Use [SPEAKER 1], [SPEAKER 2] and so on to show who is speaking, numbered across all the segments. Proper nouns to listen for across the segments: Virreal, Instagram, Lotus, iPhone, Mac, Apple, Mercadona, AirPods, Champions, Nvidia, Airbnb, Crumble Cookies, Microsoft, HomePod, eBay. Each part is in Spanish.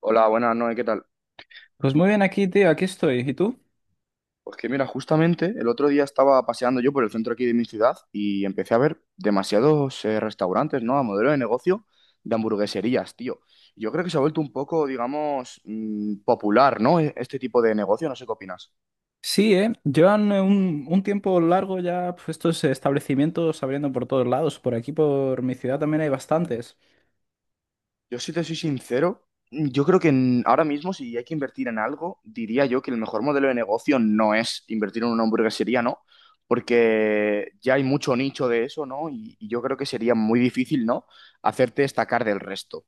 [SPEAKER 1] Hola, buenas noches, ¿qué tal?
[SPEAKER 2] Pues muy bien aquí, tío, aquí estoy. ¿Y tú?
[SPEAKER 1] Pues que mira, justamente el otro día estaba paseando yo por el centro aquí de mi ciudad y empecé a ver demasiados restaurantes, ¿no? A modelo de negocio de hamburgueserías, tío. Yo creo que se ha vuelto un poco, digamos, popular, ¿no? Este tipo de negocio, no sé qué opinas.
[SPEAKER 2] Sí, ¿eh? Llevan un tiempo largo ya pues, estos establecimientos abriendo por todos lados. Por aquí, por mi ciudad, también hay bastantes.
[SPEAKER 1] Yo si te soy sincero, yo creo que ahora mismo si hay que invertir en algo, diría yo que el mejor modelo de negocio no es invertir en una hamburguesería, ¿no? Porque ya hay mucho nicho de eso, ¿no? Y yo creo que sería muy difícil, ¿no? Hacerte destacar del resto.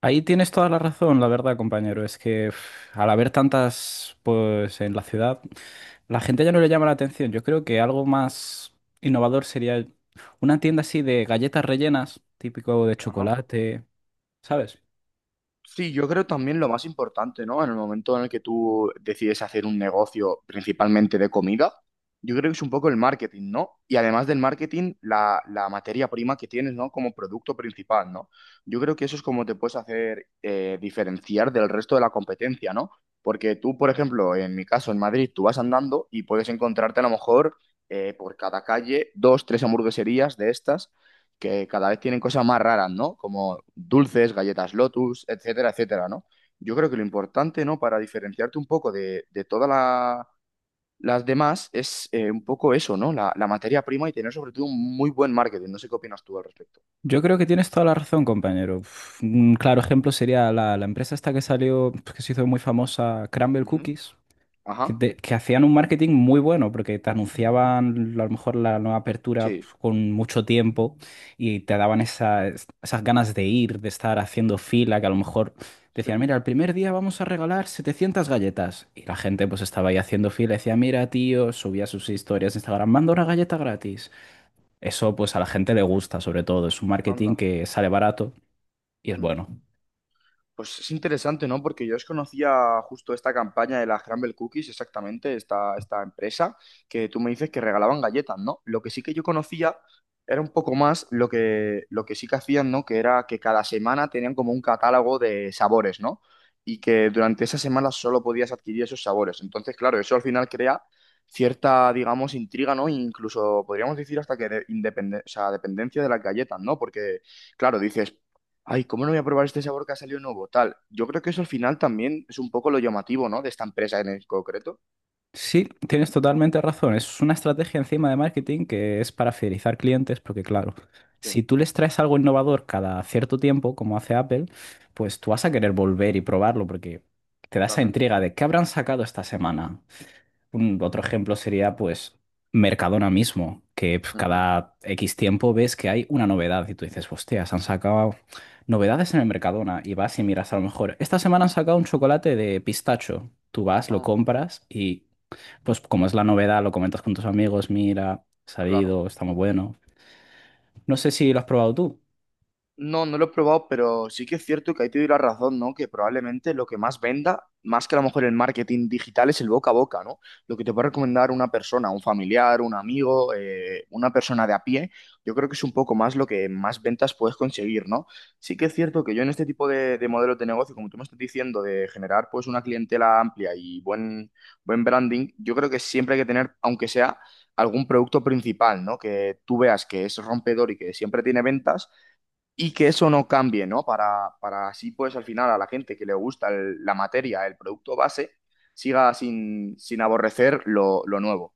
[SPEAKER 2] Ahí tienes toda la razón, la verdad, compañero. Es que uf, al haber tantas, pues, en la ciudad, la gente ya no le llama la atención. Yo creo que algo más innovador sería una tienda así de galletas rellenas, típico de
[SPEAKER 1] Ajá.
[SPEAKER 2] chocolate, ¿sabes?
[SPEAKER 1] Sí, yo creo también lo más importante, ¿no? En el momento en el que tú decides hacer un negocio principalmente de comida, yo creo que es un poco el marketing, ¿no? Y además del marketing, la materia prima que tienes, ¿no? Como producto principal, ¿no? Yo creo que eso es como te puedes hacer diferenciar del resto de la competencia, ¿no? Porque tú, por ejemplo, en mi caso, en Madrid, tú vas andando y puedes encontrarte a lo mejor por cada calle dos, tres hamburgueserías de estas que cada vez tienen cosas más raras, ¿no? Como dulces, galletas Lotus, etcétera, etcétera, ¿no? Yo creo que lo importante, ¿no? Para diferenciarte un poco de, las demás es un poco eso, ¿no? La materia prima y tener sobre todo un muy buen marketing. No sé qué opinas tú al respecto.
[SPEAKER 2] Yo creo que tienes toda la razón, compañero. Uf, un claro ejemplo sería la empresa esta que salió, pues, que se hizo muy famosa, Crumble
[SPEAKER 1] Ujú.
[SPEAKER 2] Cookies, que,
[SPEAKER 1] Ajá.
[SPEAKER 2] que hacían un marketing muy bueno porque te anunciaban a lo mejor la nueva apertura
[SPEAKER 1] Sí,
[SPEAKER 2] pues, con mucho tiempo y te daban esas ganas de ir, de estar haciendo fila, que a lo mejor decían,
[SPEAKER 1] sí.
[SPEAKER 2] mira, el primer día vamos a regalar 700 galletas. Y la gente pues estaba ahí haciendo fila, decía, mira, tío, subía sus historias de Instagram, manda una galleta gratis. Eso pues a la gente le gusta sobre todo, es un marketing
[SPEAKER 1] Anda.
[SPEAKER 2] que sale barato y es bueno.
[SPEAKER 1] Pues es interesante, ¿no? Porque yo desconocía justo esta campaña de las Crumble Cookies, exactamente, esta empresa, que tú me dices que regalaban galletas, ¿no? Lo que sí que yo conocía era un poco más lo que sí que hacían, ¿no? Que era que cada semana tenían como un catálogo de sabores, ¿no? Y que durante esa semana solo podías adquirir esos sabores. Entonces, claro, eso al final crea cierta, digamos, intriga, ¿no? Incluso podríamos decir hasta o sea, dependencia de las galletas, ¿no? Porque… Claro, dices, ay, ¿cómo no voy a probar este sabor que ha salido nuevo? Tal. Yo creo que eso al final también es un poco lo llamativo, ¿no? De esta empresa en el concreto.
[SPEAKER 2] Sí, tienes totalmente razón, es una estrategia encima de marketing que es para fidelizar clientes, porque claro,
[SPEAKER 1] Sí,
[SPEAKER 2] si tú les traes algo innovador cada cierto tiempo, como hace Apple, pues tú vas a querer volver y probarlo porque te da esa
[SPEAKER 1] totalmente.
[SPEAKER 2] intriga de qué habrán sacado esta semana. Un otro ejemplo sería pues Mercadona mismo, que pf,
[SPEAKER 1] Ujú.
[SPEAKER 2] cada X tiempo ves que hay una novedad y tú dices, hostia, se han sacado novedades en el Mercadona y vas y miras a lo mejor, esta semana han sacado un chocolate de pistacho, tú vas, lo
[SPEAKER 1] Ah,
[SPEAKER 2] compras y pues como es la novedad, lo comentas con tus amigos, mira, ha
[SPEAKER 1] claro.
[SPEAKER 2] salido, está muy bueno. No sé si lo has probado tú.
[SPEAKER 1] No, no lo he probado, pero sí que es cierto que ahí te doy la razón, ¿no? Que probablemente lo que más venda, más que a lo mejor el marketing digital, es el boca a boca, ¿no? Lo que te puede recomendar una persona, un familiar, un amigo, una persona de a pie, yo creo que es un poco más lo que más ventas puedes conseguir, ¿no? Sí que es cierto que yo en este tipo de modelos de negocio, como tú me estás diciendo, de generar pues una clientela amplia y buen branding, yo creo que siempre hay que tener, aunque sea… algún producto principal, ¿no? Que tú veas que es rompedor y que siempre tiene ventas y que eso no cambie, ¿no? Para así, pues al final a la gente que le gusta la materia, el producto base, siga sin, sin aborrecer lo nuevo.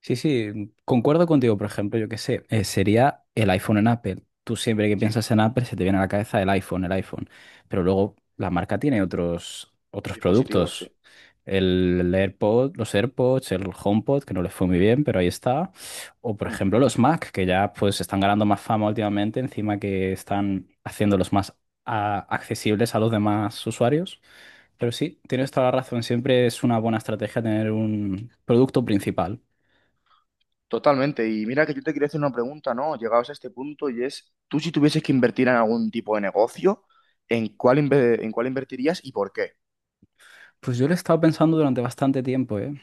[SPEAKER 2] Sí, sí, concuerdo contigo, por ejemplo, yo qué sé, sería el iPhone en Apple. Tú siempre que
[SPEAKER 1] Sí,
[SPEAKER 2] piensas en Apple se te viene a la cabeza el iPhone, el iPhone. Pero luego la marca tiene otros
[SPEAKER 1] dispositivos, sí.
[SPEAKER 2] productos. El AirPod, los AirPods, el HomePod, que no les fue muy bien, pero ahí está. O por
[SPEAKER 1] Mm.
[SPEAKER 2] ejemplo los Mac, que ya pues están ganando más fama últimamente, encima que están haciéndolos más accesibles a los demás usuarios. Pero sí, tienes toda la razón, siempre es una buena estrategia tener un producto principal.
[SPEAKER 1] Totalmente. Y mira que yo te quería hacer una pregunta, ¿no? Llegados a este punto y es, tú si tuvieses que invertir en algún tipo de negocio, ¿en cuál, en cuál invertirías y por qué?
[SPEAKER 2] Pues yo lo he estado pensando durante bastante tiempo, ¿eh?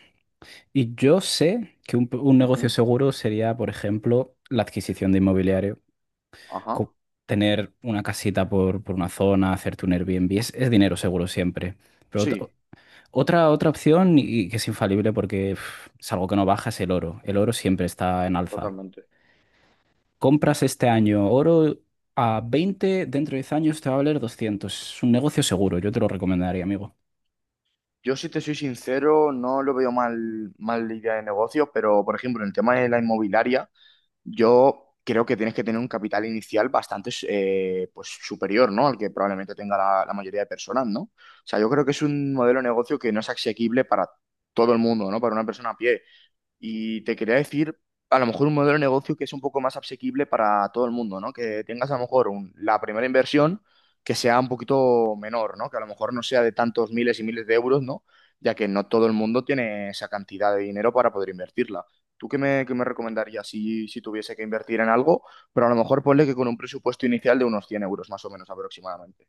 [SPEAKER 2] Y yo sé que un negocio
[SPEAKER 1] Ujú.
[SPEAKER 2] seguro sería, por ejemplo, la adquisición de inmobiliario.
[SPEAKER 1] Ajá,
[SPEAKER 2] Co- Tener una casita por una zona, hacerte un Airbnb, es dinero seguro siempre. Pero
[SPEAKER 1] sí,
[SPEAKER 2] otra opción, y que es infalible porque uf, es algo que no baja, es el oro. El oro siempre está en alza.
[SPEAKER 1] totalmente.
[SPEAKER 2] Compras este año oro a 20 dentro de 10 años te va a valer 200. Es un negocio seguro, yo te lo recomendaría, amigo.
[SPEAKER 1] Yo, si te soy sincero, no lo veo mal, mal idea de negocio, pero, por ejemplo, en el tema de la inmobiliaria, yo creo que tienes que tener un capital inicial bastante pues, superior, ¿no? Al que probablemente tenga la mayoría de personas, ¿no? O sea, yo creo que es un modelo de negocio que no es asequible para todo el mundo, ¿no? Para una persona a pie. Y te quería decir, a lo mejor un modelo de negocio que es un poco más asequible para todo el mundo, ¿no? Que tengas a lo mejor la primera inversión que sea un poquito menor, ¿no? Que a lo mejor no sea de tantos miles y miles de euros, ¿no? Ya que no todo el mundo tiene esa cantidad de dinero para poder invertirla. ¿Tú qué me recomendarías si tuviese que invertir en algo? Pero a lo mejor ponle que con un presupuesto inicial de unos 100 euros más o menos aproximadamente.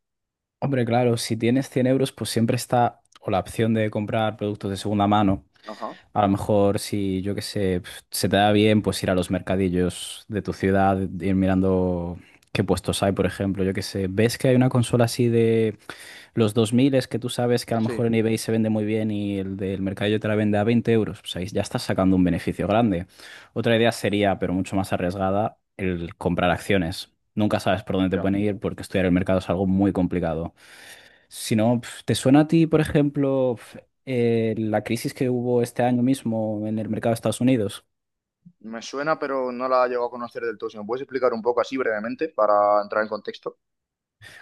[SPEAKER 2] Hombre, claro, si tienes 100 euros, pues siempre está o la opción de comprar productos de segunda mano.
[SPEAKER 1] Ajá,
[SPEAKER 2] A lo mejor, si yo qué sé, pf, se te da bien, pues ir a los mercadillos de tu ciudad, ir mirando qué puestos hay, por ejemplo, yo qué sé. ¿Ves que hay una consola así de los 2000 es que tú sabes que a lo mejor
[SPEAKER 1] sí,
[SPEAKER 2] en eBay se vende muy bien y el del mercadillo te la vende a 20 euros? Pues ahí ya estás sacando un beneficio grande. Otra idea sería, pero mucho más arriesgada, el comprar acciones. Nunca sabes por dónde te
[SPEAKER 1] ya.
[SPEAKER 2] pueden ir porque estudiar el mercado es algo muy complicado. Si no, pf, ¿te suena a ti, por ejemplo, pf, la crisis que hubo este año mismo en el mercado de Estados Unidos?
[SPEAKER 1] Me suena, pero no la llego a conocer del todo. Si me puedes explicar un poco así brevemente para entrar en contexto.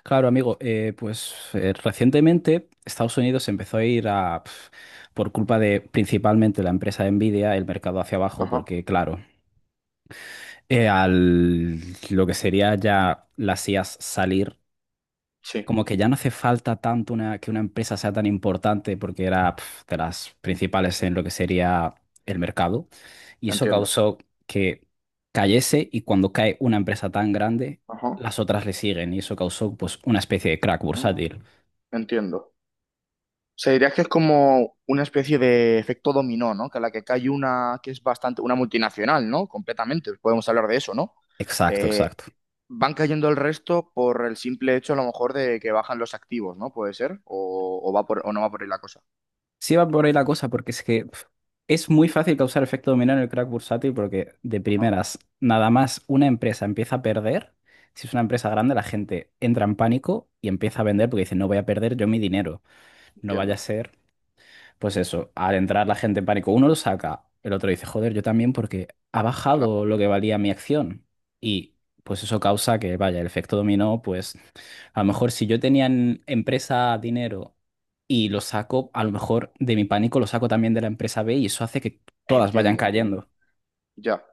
[SPEAKER 2] Claro, amigo, recientemente Estados Unidos empezó a ir a, pf, por culpa de principalmente la empresa de Nvidia, el mercado hacia abajo,
[SPEAKER 1] Ajá,
[SPEAKER 2] porque claro, al lo que sería ya las IAs salir
[SPEAKER 1] sí,
[SPEAKER 2] como que ya no hace falta tanto que una empresa sea tan importante porque era pf, de las principales en lo que sería el mercado. Y eso
[SPEAKER 1] entiendo.
[SPEAKER 2] causó que cayese y cuando cae una empresa tan grande,
[SPEAKER 1] Ajá,
[SPEAKER 2] las otras le siguen y eso causó pues una especie de crack
[SPEAKER 1] ah,
[SPEAKER 2] bursátil.
[SPEAKER 1] entiendo. Se diría que es como una especie de efecto dominó, ¿no? Que a la que cae una que es bastante, una multinacional, ¿no? Completamente, podemos hablar de eso, ¿no?
[SPEAKER 2] Exacto,
[SPEAKER 1] Eh,
[SPEAKER 2] exacto.
[SPEAKER 1] van cayendo el resto por el simple hecho, a lo mejor, de que bajan los activos, ¿no? Puede ser, o va por, o no va por ahí la cosa.
[SPEAKER 2] Sí va por ahí la cosa, porque es que pf, es muy fácil causar efecto dominó en el crack bursátil porque de
[SPEAKER 1] Ajá,
[SPEAKER 2] primeras, nada más una empresa empieza a perder, si es una empresa grande, la gente entra en pánico y empieza a vender porque dice, no voy a perder yo mi dinero, no vaya a
[SPEAKER 1] entiendo,
[SPEAKER 2] ser, pues eso, al entrar la gente en pánico, uno lo saca, el otro dice, joder, yo también porque ha bajado
[SPEAKER 1] claro.
[SPEAKER 2] lo que valía mi acción y pues eso causa que, vaya, el efecto dominó pues a lo mejor si yo tenía en empresa dinero y lo saco, a lo mejor de mi pánico lo saco también de la empresa B y eso hace que todas vayan
[SPEAKER 1] Entiendo, entiendo.
[SPEAKER 2] cayendo.
[SPEAKER 1] Ya.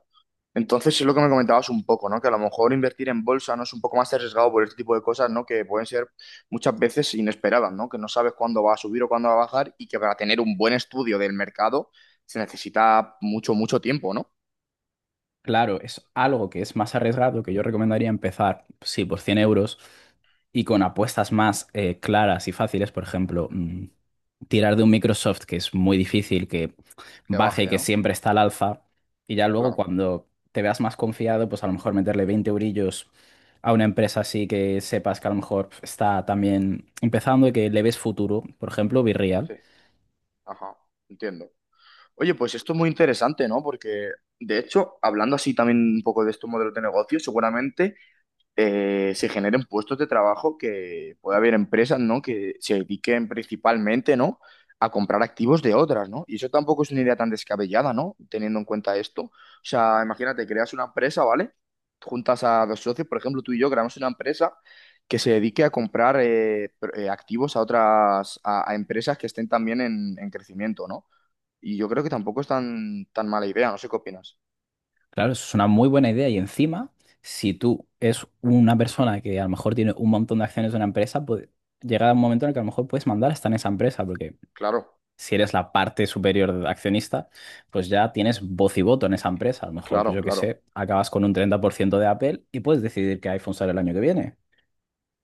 [SPEAKER 1] Entonces, es lo que me comentabas un poco, ¿no? Que a lo mejor invertir en bolsa no es un poco más arriesgado por este tipo de cosas, ¿no? Que pueden ser muchas veces inesperadas, ¿no? Que no sabes cuándo va a subir o cuándo va a bajar y que para tener un buen estudio del mercado se necesita mucho, mucho tiempo, ¿no?
[SPEAKER 2] Claro, es algo que es más arriesgado, que yo recomendaría empezar, sí, por 100 euros y con apuestas más claras y fáciles, por ejemplo,
[SPEAKER 1] Ujú.
[SPEAKER 2] tirar de un Microsoft, que es muy difícil que
[SPEAKER 1] Que
[SPEAKER 2] baje,
[SPEAKER 1] baje,
[SPEAKER 2] que
[SPEAKER 1] ¿no?
[SPEAKER 2] siempre está al alza, y ya luego
[SPEAKER 1] Claro,
[SPEAKER 2] cuando te veas más confiado, pues a lo mejor meterle 20 eurillos a una empresa así que sepas que a lo mejor está también empezando y que le ves futuro, por ejemplo, Virreal.
[SPEAKER 1] sí, ajá, entiendo. Oye, pues esto es muy interesante, ¿no? Porque, de hecho, hablando así también un poco de estos modelos de negocio, seguramente se generen puestos de trabajo, que pueda haber empresas, ¿no? Que se dediquen principalmente, ¿no? A comprar activos de otras, ¿no? Y eso tampoco es una idea tan descabellada, ¿no? Teniendo en cuenta esto. O sea, imagínate, creas una empresa, ¿vale? Juntas a dos socios, por ejemplo, tú y yo creamos una empresa que se dedique a comprar activos a otras, a empresas que estén también en crecimiento, ¿no? Y yo creo que tampoco es tan, tan mala idea, no sé qué opinas.
[SPEAKER 2] Claro, eso es una muy buena idea. Y encima, si tú es una persona que a lo mejor tiene un montón de acciones de una empresa, pues llega un momento en el que a lo mejor puedes mandar hasta en esa empresa, porque
[SPEAKER 1] Claro,
[SPEAKER 2] si eres la parte superior de accionista, pues ya tienes voz y voto en esa empresa. A lo mejor, pues
[SPEAKER 1] claro,
[SPEAKER 2] yo qué
[SPEAKER 1] claro.
[SPEAKER 2] sé, acabas con un 30% de Apple y puedes decidir qué iPhone sale el año que viene.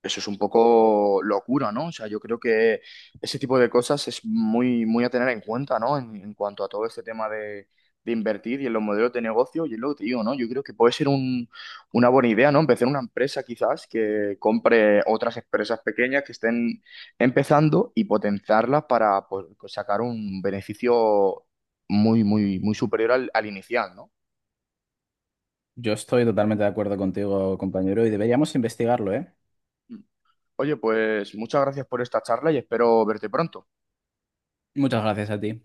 [SPEAKER 1] Eso es un poco locura, ¿no? O sea, yo creo que ese tipo de cosas es muy, muy a tener en cuenta, ¿no? En cuanto a todo este tema de invertir y en los modelos de negocio, y es lo que te digo, ¿no? Yo creo que puede ser una buena idea, ¿no? Empezar una empresa quizás que compre otras empresas pequeñas que estén empezando y potenciarlas para pues, sacar un beneficio muy, muy, muy superior al, al inicial, ¿no?
[SPEAKER 2] Yo estoy totalmente de acuerdo contigo, compañero, y deberíamos investigarlo, ¿eh?
[SPEAKER 1] Oye, pues muchas gracias por esta charla y espero verte pronto.
[SPEAKER 2] Muchas gracias a ti.